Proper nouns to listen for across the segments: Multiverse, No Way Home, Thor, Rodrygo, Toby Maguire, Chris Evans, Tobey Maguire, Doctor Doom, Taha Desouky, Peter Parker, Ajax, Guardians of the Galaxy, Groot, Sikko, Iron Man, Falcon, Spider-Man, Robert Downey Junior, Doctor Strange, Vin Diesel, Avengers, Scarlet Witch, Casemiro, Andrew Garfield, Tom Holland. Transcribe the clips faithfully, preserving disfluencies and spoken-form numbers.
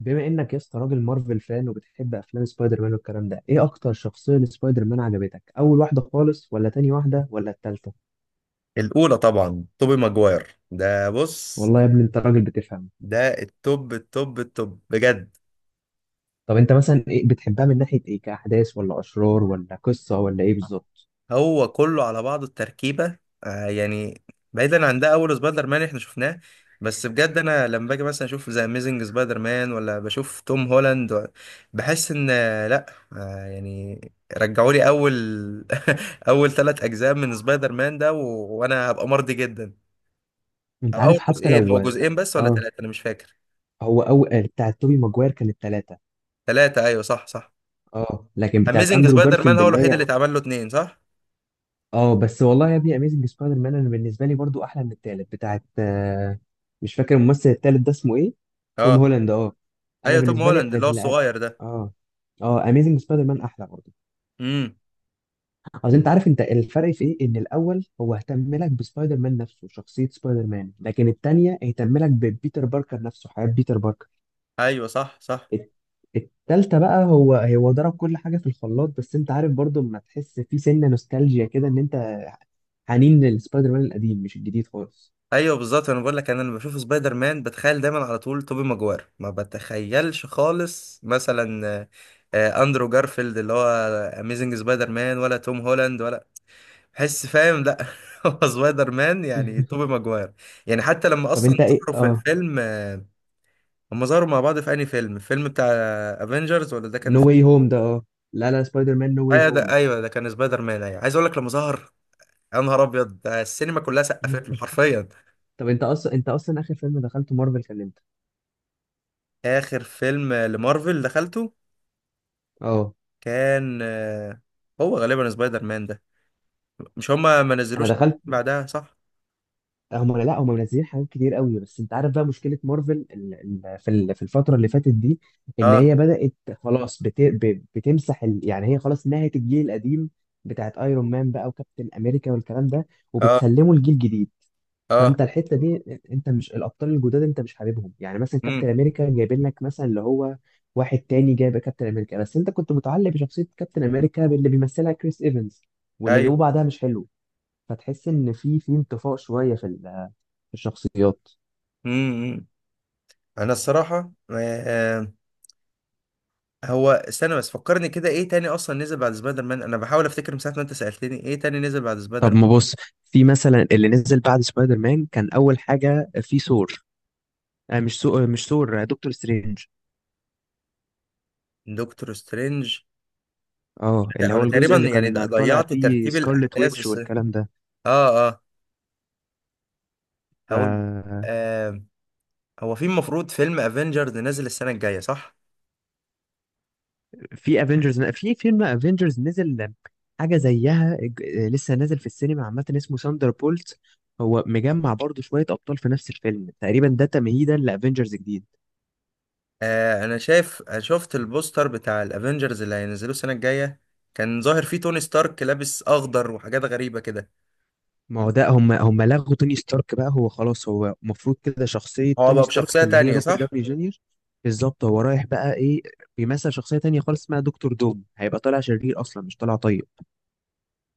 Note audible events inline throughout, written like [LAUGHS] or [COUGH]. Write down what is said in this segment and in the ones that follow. بما انك يا اسطى راجل مارفل فان وبتحب افلام سبايدر مان والكلام ده، ايه اكتر شخصيه لسبايدر مان عجبتك، اول واحده خالص ولا تاني واحده ولا التالتة؟ الأولى طبعا توبي ماجواير، ده بص. والله يا ابني انت راجل بتفهم. ده التوب التوب التوب بجد. طب انت مثلا إيه بتحبها، من ناحيه ايه، كاحداث ولا اشرار ولا قصه ولا ايه بالظبط؟ هو كله على بعضه التركيبة، آه يعني. بعيدا عن ده، أول سبايدر مان احنا شفناه. بس بجد أنا لما باجي مثلا أشوف ذا أميزنج سبايدر مان ولا بشوف توم هولاند و- بحس إن آه، لأ. آه يعني. رجعوا لي أول. [LAUGHS] أول ثلاث أجزاء من سبايدر مان ده و... وأنا هبقى مرضي جدا. أو انت عارف أول حتى جزئين، لو هو لا. جزئين بس ولا اه، ثلاثة، أنا مش فاكر. هو اول بتاعت توبي ماجواير كانت ثلاثه. ثلاثة، أيوه، صح صح. اه، لكن بتاعت اميزنج اندرو سبايدر مان جارفيلد هو اللي الوحيد اللي هي، اتعمل له اتنين، صح. اه بس والله يا ابني اميزنج سبايدر مان انا بالنسبه لي برضو احلى من التالت بتاعت آه، مش فاكر الممثل التالت ده اسمه ايه. توم اه، هولاند، اه. انا ايوه توم بالنسبه لي هولاند اللي هو ال- الصغير ده. اه اه، اميزنج سبايدر مان احلى برضو. امم. اصل انت عارف، انت الفرق في ايه، ان الاول هو اهتم لك بسبايدر مان نفسه، شخصيه سبايدر مان، لكن التانيه اهتم لك ببيتر باركر نفسه، حياه بيتر باركر. ايوه، صح صح. الت- التالتة بقى هو هو ضرب كل حاجه في الخلاط، بس انت عارف برضو لما تحس في سنه نوستالجيا كده، ان انت حنين للسبايدر مان القديم، مش الجديد خالص. ايوه بالظبط، انا بقول لك، انا لما بشوف سبايدر مان بتخيل دايما على طول توبي ماجوير، ما بتخيلش خالص مثلا، آه، آه، اندرو جارفيلد اللي هو اميزنج سبايدر مان، ولا توم هولاند، ولا بحس، فاهم، لا. [LAUGHS] هو سبايدر مان يعني توبي [LAUGHS] ماجوير. يعني حتى لما طب اصلا انت ايه، ظهروا في اه. الفيلم، هم ظهروا مع بعض في انهي فيلم؟ الفيلم بتاع افنجرز ولا ده كان. نو واي هوم ده، اه. لا لا، سبايدر مان نو واي ايوه هوم. ده، ايوه ده كان سبايدر مان، ايوه عايز اقول لك لما ظهر، يا نهار ابيض، ده السينما كلها سقفت له [LAUGHS] حرفيا. طب انت اصلا انت اصلا اخر فيلم دخلته مارفل كان امتى؟ اخر فيلم لمارفل دخلته اه، كان، آه، هو غالبا سبايدر مان ده. مش هما ما انا نزلوش دخلت. بعدها، صح؟ هم لا، هم منزلين حاجات كتير قوي، بس انت عارف بقى مشكله مارفل ال... ال... في ال... في الفتره اللي فاتت دي، ان هي اه، بدات خلاص بت... ب... بتمسح ال... يعني هي خلاص نهت الجيل القديم بتاعت ايرون مان بقى، وكابتن امريكا والكلام ده، اه، وبتسلمه الجيل الجديد. اه. فانت الحته دي، انت مش الابطال الجداد، انت مش حاببهم. يعني مثلا كابتن امم. امريكا جايبين لك مثلا اللي هو واحد تاني جايب كابتن امريكا، بس انت كنت متعلق بشخصيه كابتن امريكا، باللي بيمثلها كريس ايفنز، واللي جابوه ايوه. بعدها مش حلو. فتحس ان في في انطفاء شويه في ال- في الشخصيات. امم. انا الصراحه، آه هو، استنى بس فكرني كده، ايه تاني اصلا نزل بعد سبايدر مان؟ انا بحاول افتكر من ساعه ما انت سالتني ايه تاني نزل بعد طب سبايدر ما بص، في مثلا اللي نزل بعد سبايدر مان كان اول حاجه في ثور. آه مش سو... مش ثور، آه، دكتور سترينج. مان. دكتور سترينج. اه، اللي هو انا تقريبا الجزء اللي يعني كان طالع ضيعت فيه ترتيب سكارلت الاحداث، ويتش بس والكلام ده. اه، اه، هقول. ف آه هو في المفروض فيلم افنجرز نازل السنه الجايه، صح؟ في افنجرز في فيلم افنجرز نزل حاجه زيها، ج- لسه نازل في السينما عامه، اسمه ساندر بولت. هو مجمع برضه شويه ابطال في نفس الفيلم تقريبا، ده تمهيدا لافنجرز جديد. آه انا شايف شفت البوستر بتاع الافنجرز اللي هينزلوه السنه الجايه، كان ظاهر فيه توني ستارك لابس اخضر وحاجات غريبه كده. ما هو ده هم هم لغوا توني ستارك بقى، هو خلاص، هو المفروض كده شخصيه هو توني بقى ستارك بشخصيه اللي هي تانية، روبرت صح؟ داوني جونيور. بالظبط، هو رايح بقى ايه، بيمثل شخصيه تانية خالص اسمها دكتور دوم، هيبقى طالع شرير اصلا، مش طالع طيب.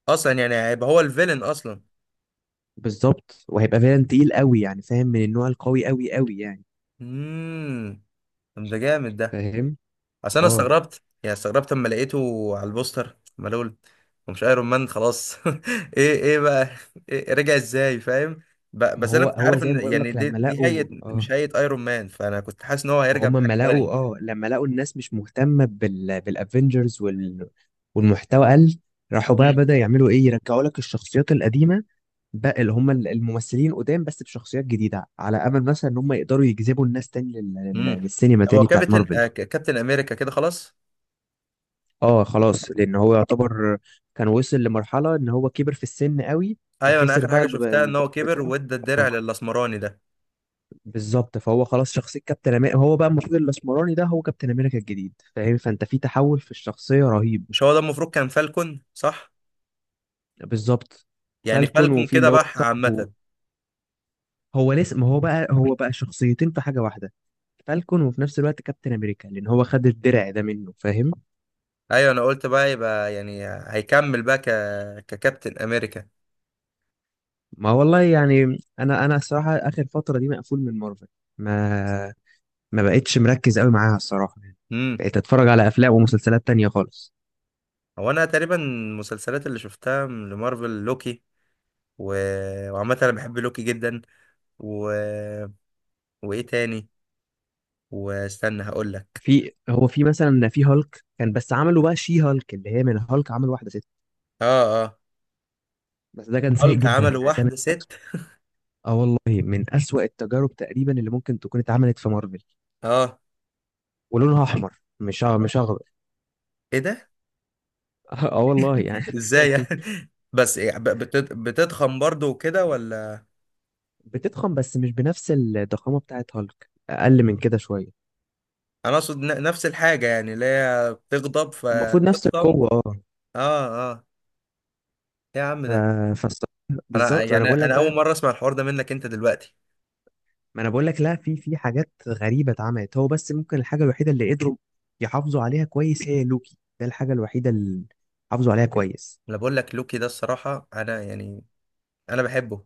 اصلا يعني هيبقى هو الفيلن اصلا. بالظبط، وهيبقى فعلا تقيل قوي، يعني فاهم، من النوع القوي قوي قوي يعني. امم. طب ده جامد ده. فاهم، اصل انا اه. استغربت، يعني استغربت اما لقيته على البوستر ملول، ومش ايرون مان خلاص. [LAUGHS] ايه ايه بقى. إيه، رجع ازاي، فاهم؟ ب- ما بس انا هو كنت هو عارف زي ما ان، بقول يعني لك دي لما دي هيئه لقوا، اه مش هيئه ايرون مان، فانا كنت حاسس ان هو ما هيرجع هم لما بحاجه لقوا تانية. اه لما لقوا الناس مش مهتمه بال بالافنجرز وال... والمحتوى قل. راحوا بقى امم. بدأ يعملوا ايه، يرجعوا لك الشخصيات القديمه بقى، اللي هم ال- الممثلين قدام بس بشخصيات جديده، على امل مثلا ان هم يقدروا يجذبوا الناس تاني لل... لل... امم. للسينما هو تاني بتاعت كابتن مارفل. آه، ك- كابتن امريكا كده خلاص. اه خلاص، لان هو يعتبر كان وصل لمرحله ان هو كبر في السن قوي. ايوه انا فخسر اخر بقى حاجه الب- شفتها ان الب- هو كبر بتاعه. وادى الدرع للاسمراني ده. بالظبط، فهو خلاص شخصية كابتن أمريكا، هو بقى المفروض الأسمراني ده هو كابتن أمريكا الجديد، فاهم، فأنت في تحول في الشخصية رهيب. مش هو ده المفروض كان فالكون، صح؟ بالظبط. يعني فالكون فالكون وفي كده اللي هو بح صاحبه، عامه. هو لسه، ما هو بقى هو بقى شخصيتين في حاجة واحدة، فالكون وفي نفس الوقت كابتن أمريكا، لأن هو خد الدرع ده منه، فاهم. ايوه انا قلت بقى، يبقى يعني هيكمل بقى ك... ككابتن امريكا. ما والله يعني، أنا أنا الصراحة آخر فترة دي مقفول من مارفل. ما ما بقتش مركز قوي معاها الصراحة يعني، بقيت أتفرج على أفلام ومسلسلات تانية خالص. هو انا تقريبا المسلسلات اللي شفتها من- لمارفل، لوكي و... وعامة انا بحب لوكي جدا، و... وايه تاني، واستنى هقول لك. في هو في مثلا في هالك، كان بس عملوا بقى شي هالك، اللي هي من هالك عملوا واحده ست. اه، اه، بس ده كان سيء هالك جدا، عملوا يعني ده من واحدة ست. أسوأ. اه والله، من أسوأ التجارب تقريبا اللي ممكن تكون اتعملت في مارفل. اه، ولونها احمر، مش أ- مش اخضر. ايه ده؟ [LAUGHS] اه والله يعني. ازاي يعني؟ [LAUGHS] بس إيه، ب- بتت... بتضخم برضو وكده ولا؟ [LAUGHS] بتضخم، بس مش بنفس الضخامه بتاعت هالك، اقل من كده شويه. انا اقصد ن- نفس الحاجة، يعني اللي هي بتغضب المفروض نفس فتضخم. القوه، اه. اه، اه. إيه يا عم ف... ده. فالصراحة- انا بالظبط، ما انا يعني بقول لك انا بقى. اول مرة اسمع الحوار ده منك انت دلوقتي. ما انا بقول لك، لا، في في حاجات غريبه اتعملت، هو بس ممكن الحاجه الوحيده اللي قدروا يحافظوا عليها كويس هي لوكي ده، الحاجه الوحيده اللي حافظوا عليها كويس. انا بقول لك لوكي ده، الصراحة انا يعني انا بحبه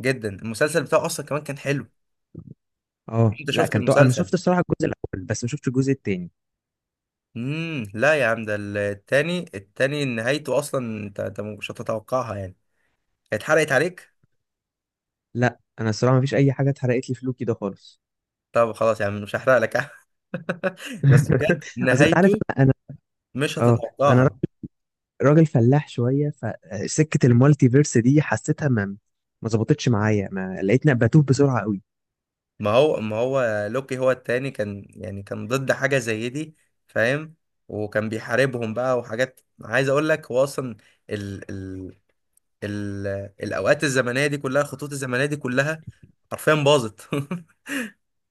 جدا، المسلسل بتاعه اصلا كمان كان حلو. لو اه انت لا، شفت كان طو... انا المسلسل. شفت الصراحه الجزء الاول، بس ما شفتش الجزء التاني. امم، لا يا عم ده ال- التاني التاني نهايته اصلا، انت انت مش هتتوقعها يعني. اتحرقت عليك. لا انا الصراحه ما فيش اي حاجه اتحرقت لي في لوكي ده خالص. طب خلاص يا عم، مش هحرق لك. [LAUGHS] بس بجد [LAUGHS] اصل انت عارف، نهايته انا انا مش اه، انا را- هتتوقعها. راجل فلاح شويه، فسكه المالتي فيرس دي حسيتها، ما ما ظبطتش معايا، ما لقيتني بتوه بسرعه قوي. ما هو ما هو لوكي هو التاني كان يعني كان ضد حاجة زي دي، فاهم. وكان بيحاربهم بقى وحاجات، عايز اقول لك هو اصلا ال ال ال الاوقات الزمنية دي كلها، الخطوط الزمنية دي كلها حرفيا باظت. [LAUGHS]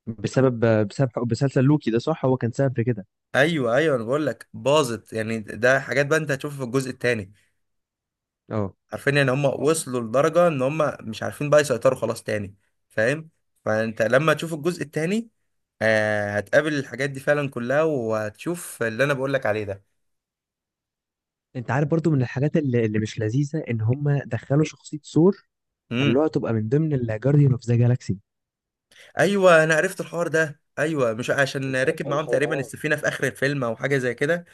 بسبب بسبب بسلسل لوكي ده، صح، هو كان سبب في كده. ايوه، ايوه، انا بقول لك باظت، يعني ده حاجات بقى انت هتشوفها في الجزء الثاني. اه، عارفين ان هم وصلوا لدرجه ان هم مش عارفين بقى يسيطروا خلاص تاني، فاهم؟ فانت لما تشوف الجزء الثاني، آه هتقابل الحاجات دي فعلا كلها، وهتشوف اللي انا بقول لك عليه ده. انت عارف برضو من الحاجات اللي, اللي مش لذيذه، ان هم دخلوا شخصيه ثور، امم. خلوها تبقى من ضمن الجارديان اوف ذا جالاكسي. ايوه انا عرفت الحوار ده، ايوه، مش عشان ركب الحق معاهم الحق، تقريبا اه. السفينه في اخر الفيلم او حاجه زي كده،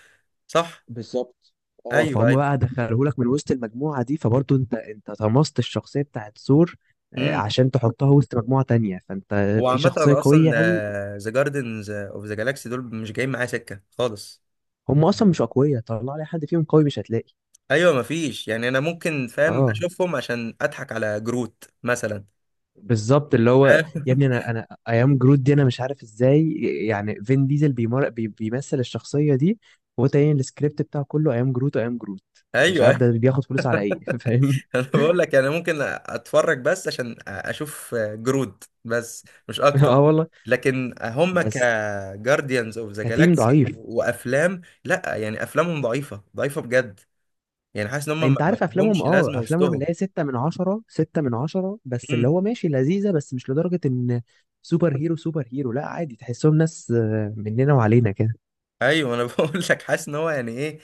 صح. بالظبط. اه، ايوه، فهم ايوه. بقى دخلوهولك من وسط المجموعه دي، فبرضو انت انت طمست الشخصيه بتاعت ثور، آه، امم. عشان تحطها وسط مجموعه تانية، فانت هو في عامه شخصيه انا اصلا قويه قوي. ذا جاردنز اوف ذا جالاكسي دول مش جايين معايا سكه خالص. هم اصلا مش اقوياء، طلع لي حد فيهم قوي، مش هتلاقي. ايوه مفيش، يعني انا ممكن، فاهم، اه اشوفهم عشان اضحك على جروت مثلا. بالظبط، اللي هو، فاهم؟ يا ابني [LAUGHS] انا انا ايام جرود دي انا مش عارف ازاي، يعني فين ديزل بيمر... بي... بيمثل الشخصيه دي. هو تاني السكريبت بتاعه كله ايام جروت وايام جروت، مش عارف ايوه. ده [LAUGHS] بياخد فلوس على ايه. [LAUGHS] فاهم. انا بقول لك يعني ممكن اتفرج بس عشان اشوف جروت، بس مش اكتر. اه والله. لكن هم بس كجارديانز اوف ذا كتيم جالاكسي ضعيف. وافلام، لا يعني افلامهم ضعيفه ضعيفه بجد. يعني حاسس ان هم ما انت ما عارف افلامهم، لهمش لازمه اه افلامهم وسطهم. اللي هي ستة من عشرة، ستة من عشرة بس، مم. اللي هو ماشي لذيذة، بس مش لدرجة ان سوبر هيرو سوبر هيرو، لا، عادي، تحسهم ناس آه، مننا وعلينا كده. ايوه انا [LAUGHS] بقول لك حاسس ان هو يعني ايه،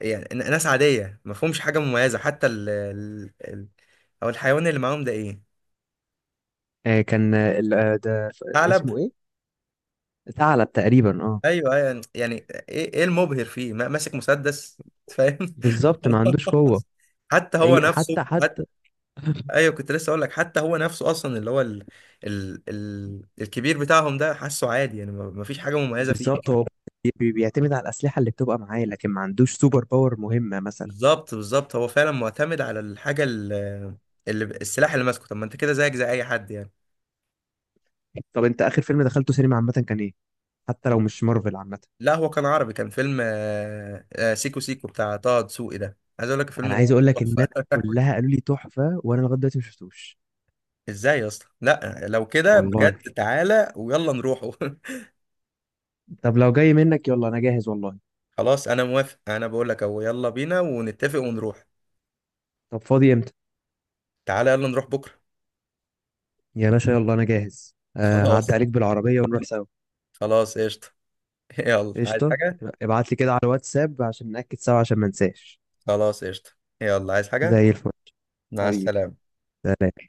يعني ن- ناس عاديه ما فيهمش حاجه مميزه، حتى ال ال- ال- او الحيوان اللي معاهم ده، ايه؟ آه، كان آه، ال- آه، ده ف- ثعلب؟ اسمه ايه، ثعلب تقريبا، اه. ايوه، ايوه، يعني ايه ايه المبهر فيه، ما- ماسك مسدس، فاهم؟ بالظبط، ما [LAUGHS] عندوش قوة. خلاص. حتى هو اي، نفسه، حتى حتى حتى ايوه كنت لسه اقول لك، حتى هو نفسه اصلا اللي هو ال... ال... ال... الكبير بتاعهم ده، حاسه عادي، يعني ما ما فيش حاجه مميزه فيه. بالظبط، هو بي- بيعتمد على الأسلحة اللي بتبقى معاه، لكن ما عندوش سوبر باور مهمة مثلا. بالظبط، بالظبط، هو فعلا معتمد على الحاجه ال- اللي السلاح اللي ماسكه، طب ما انت كده زيك زي اي حد يعني. طب انت آخر فيلم دخلته سينما عامة كان ايه، حتى لو مش مارفل عامة؟ لا، هو كان عربي، كان فيلم آه، آه، سيكو سيكو بتاع طه دسوقي ده، عايز اقول لك الفيلم انا ده عايز اقول لك الناس تحفه. كلها [LAUGHS] قالوا لي تحفة، وانا لغاية دلوقتي ما شفتوش. ازاي يا اسطى؟ لا لو كده والله، بجد تعالى ويلا نروحه. [LAUGHS] طب لو جاي منك يلا، انا جاهز والله. خلاص انا موافق، انا بقول لك اهو، يلا بينا ونتفق ونروح. طب فاضي امتى؟ تعالى يلا نروح بكره. يا باشا يلا انا جاهز، [LAUGHS] آه هعدي خلاص. عليك بالعربية ونروح سوا. خلاص قشطه. [LAUGHS] يلا، عايز قشطة. حاجه؟ ابعت لي كده على الواتساب عشان نأكد سوا، عشان ما انساش. خلاص قشطه. يلا، عايز حاجه؟ زي الفل. مع حبيبي. السلامه. سلام.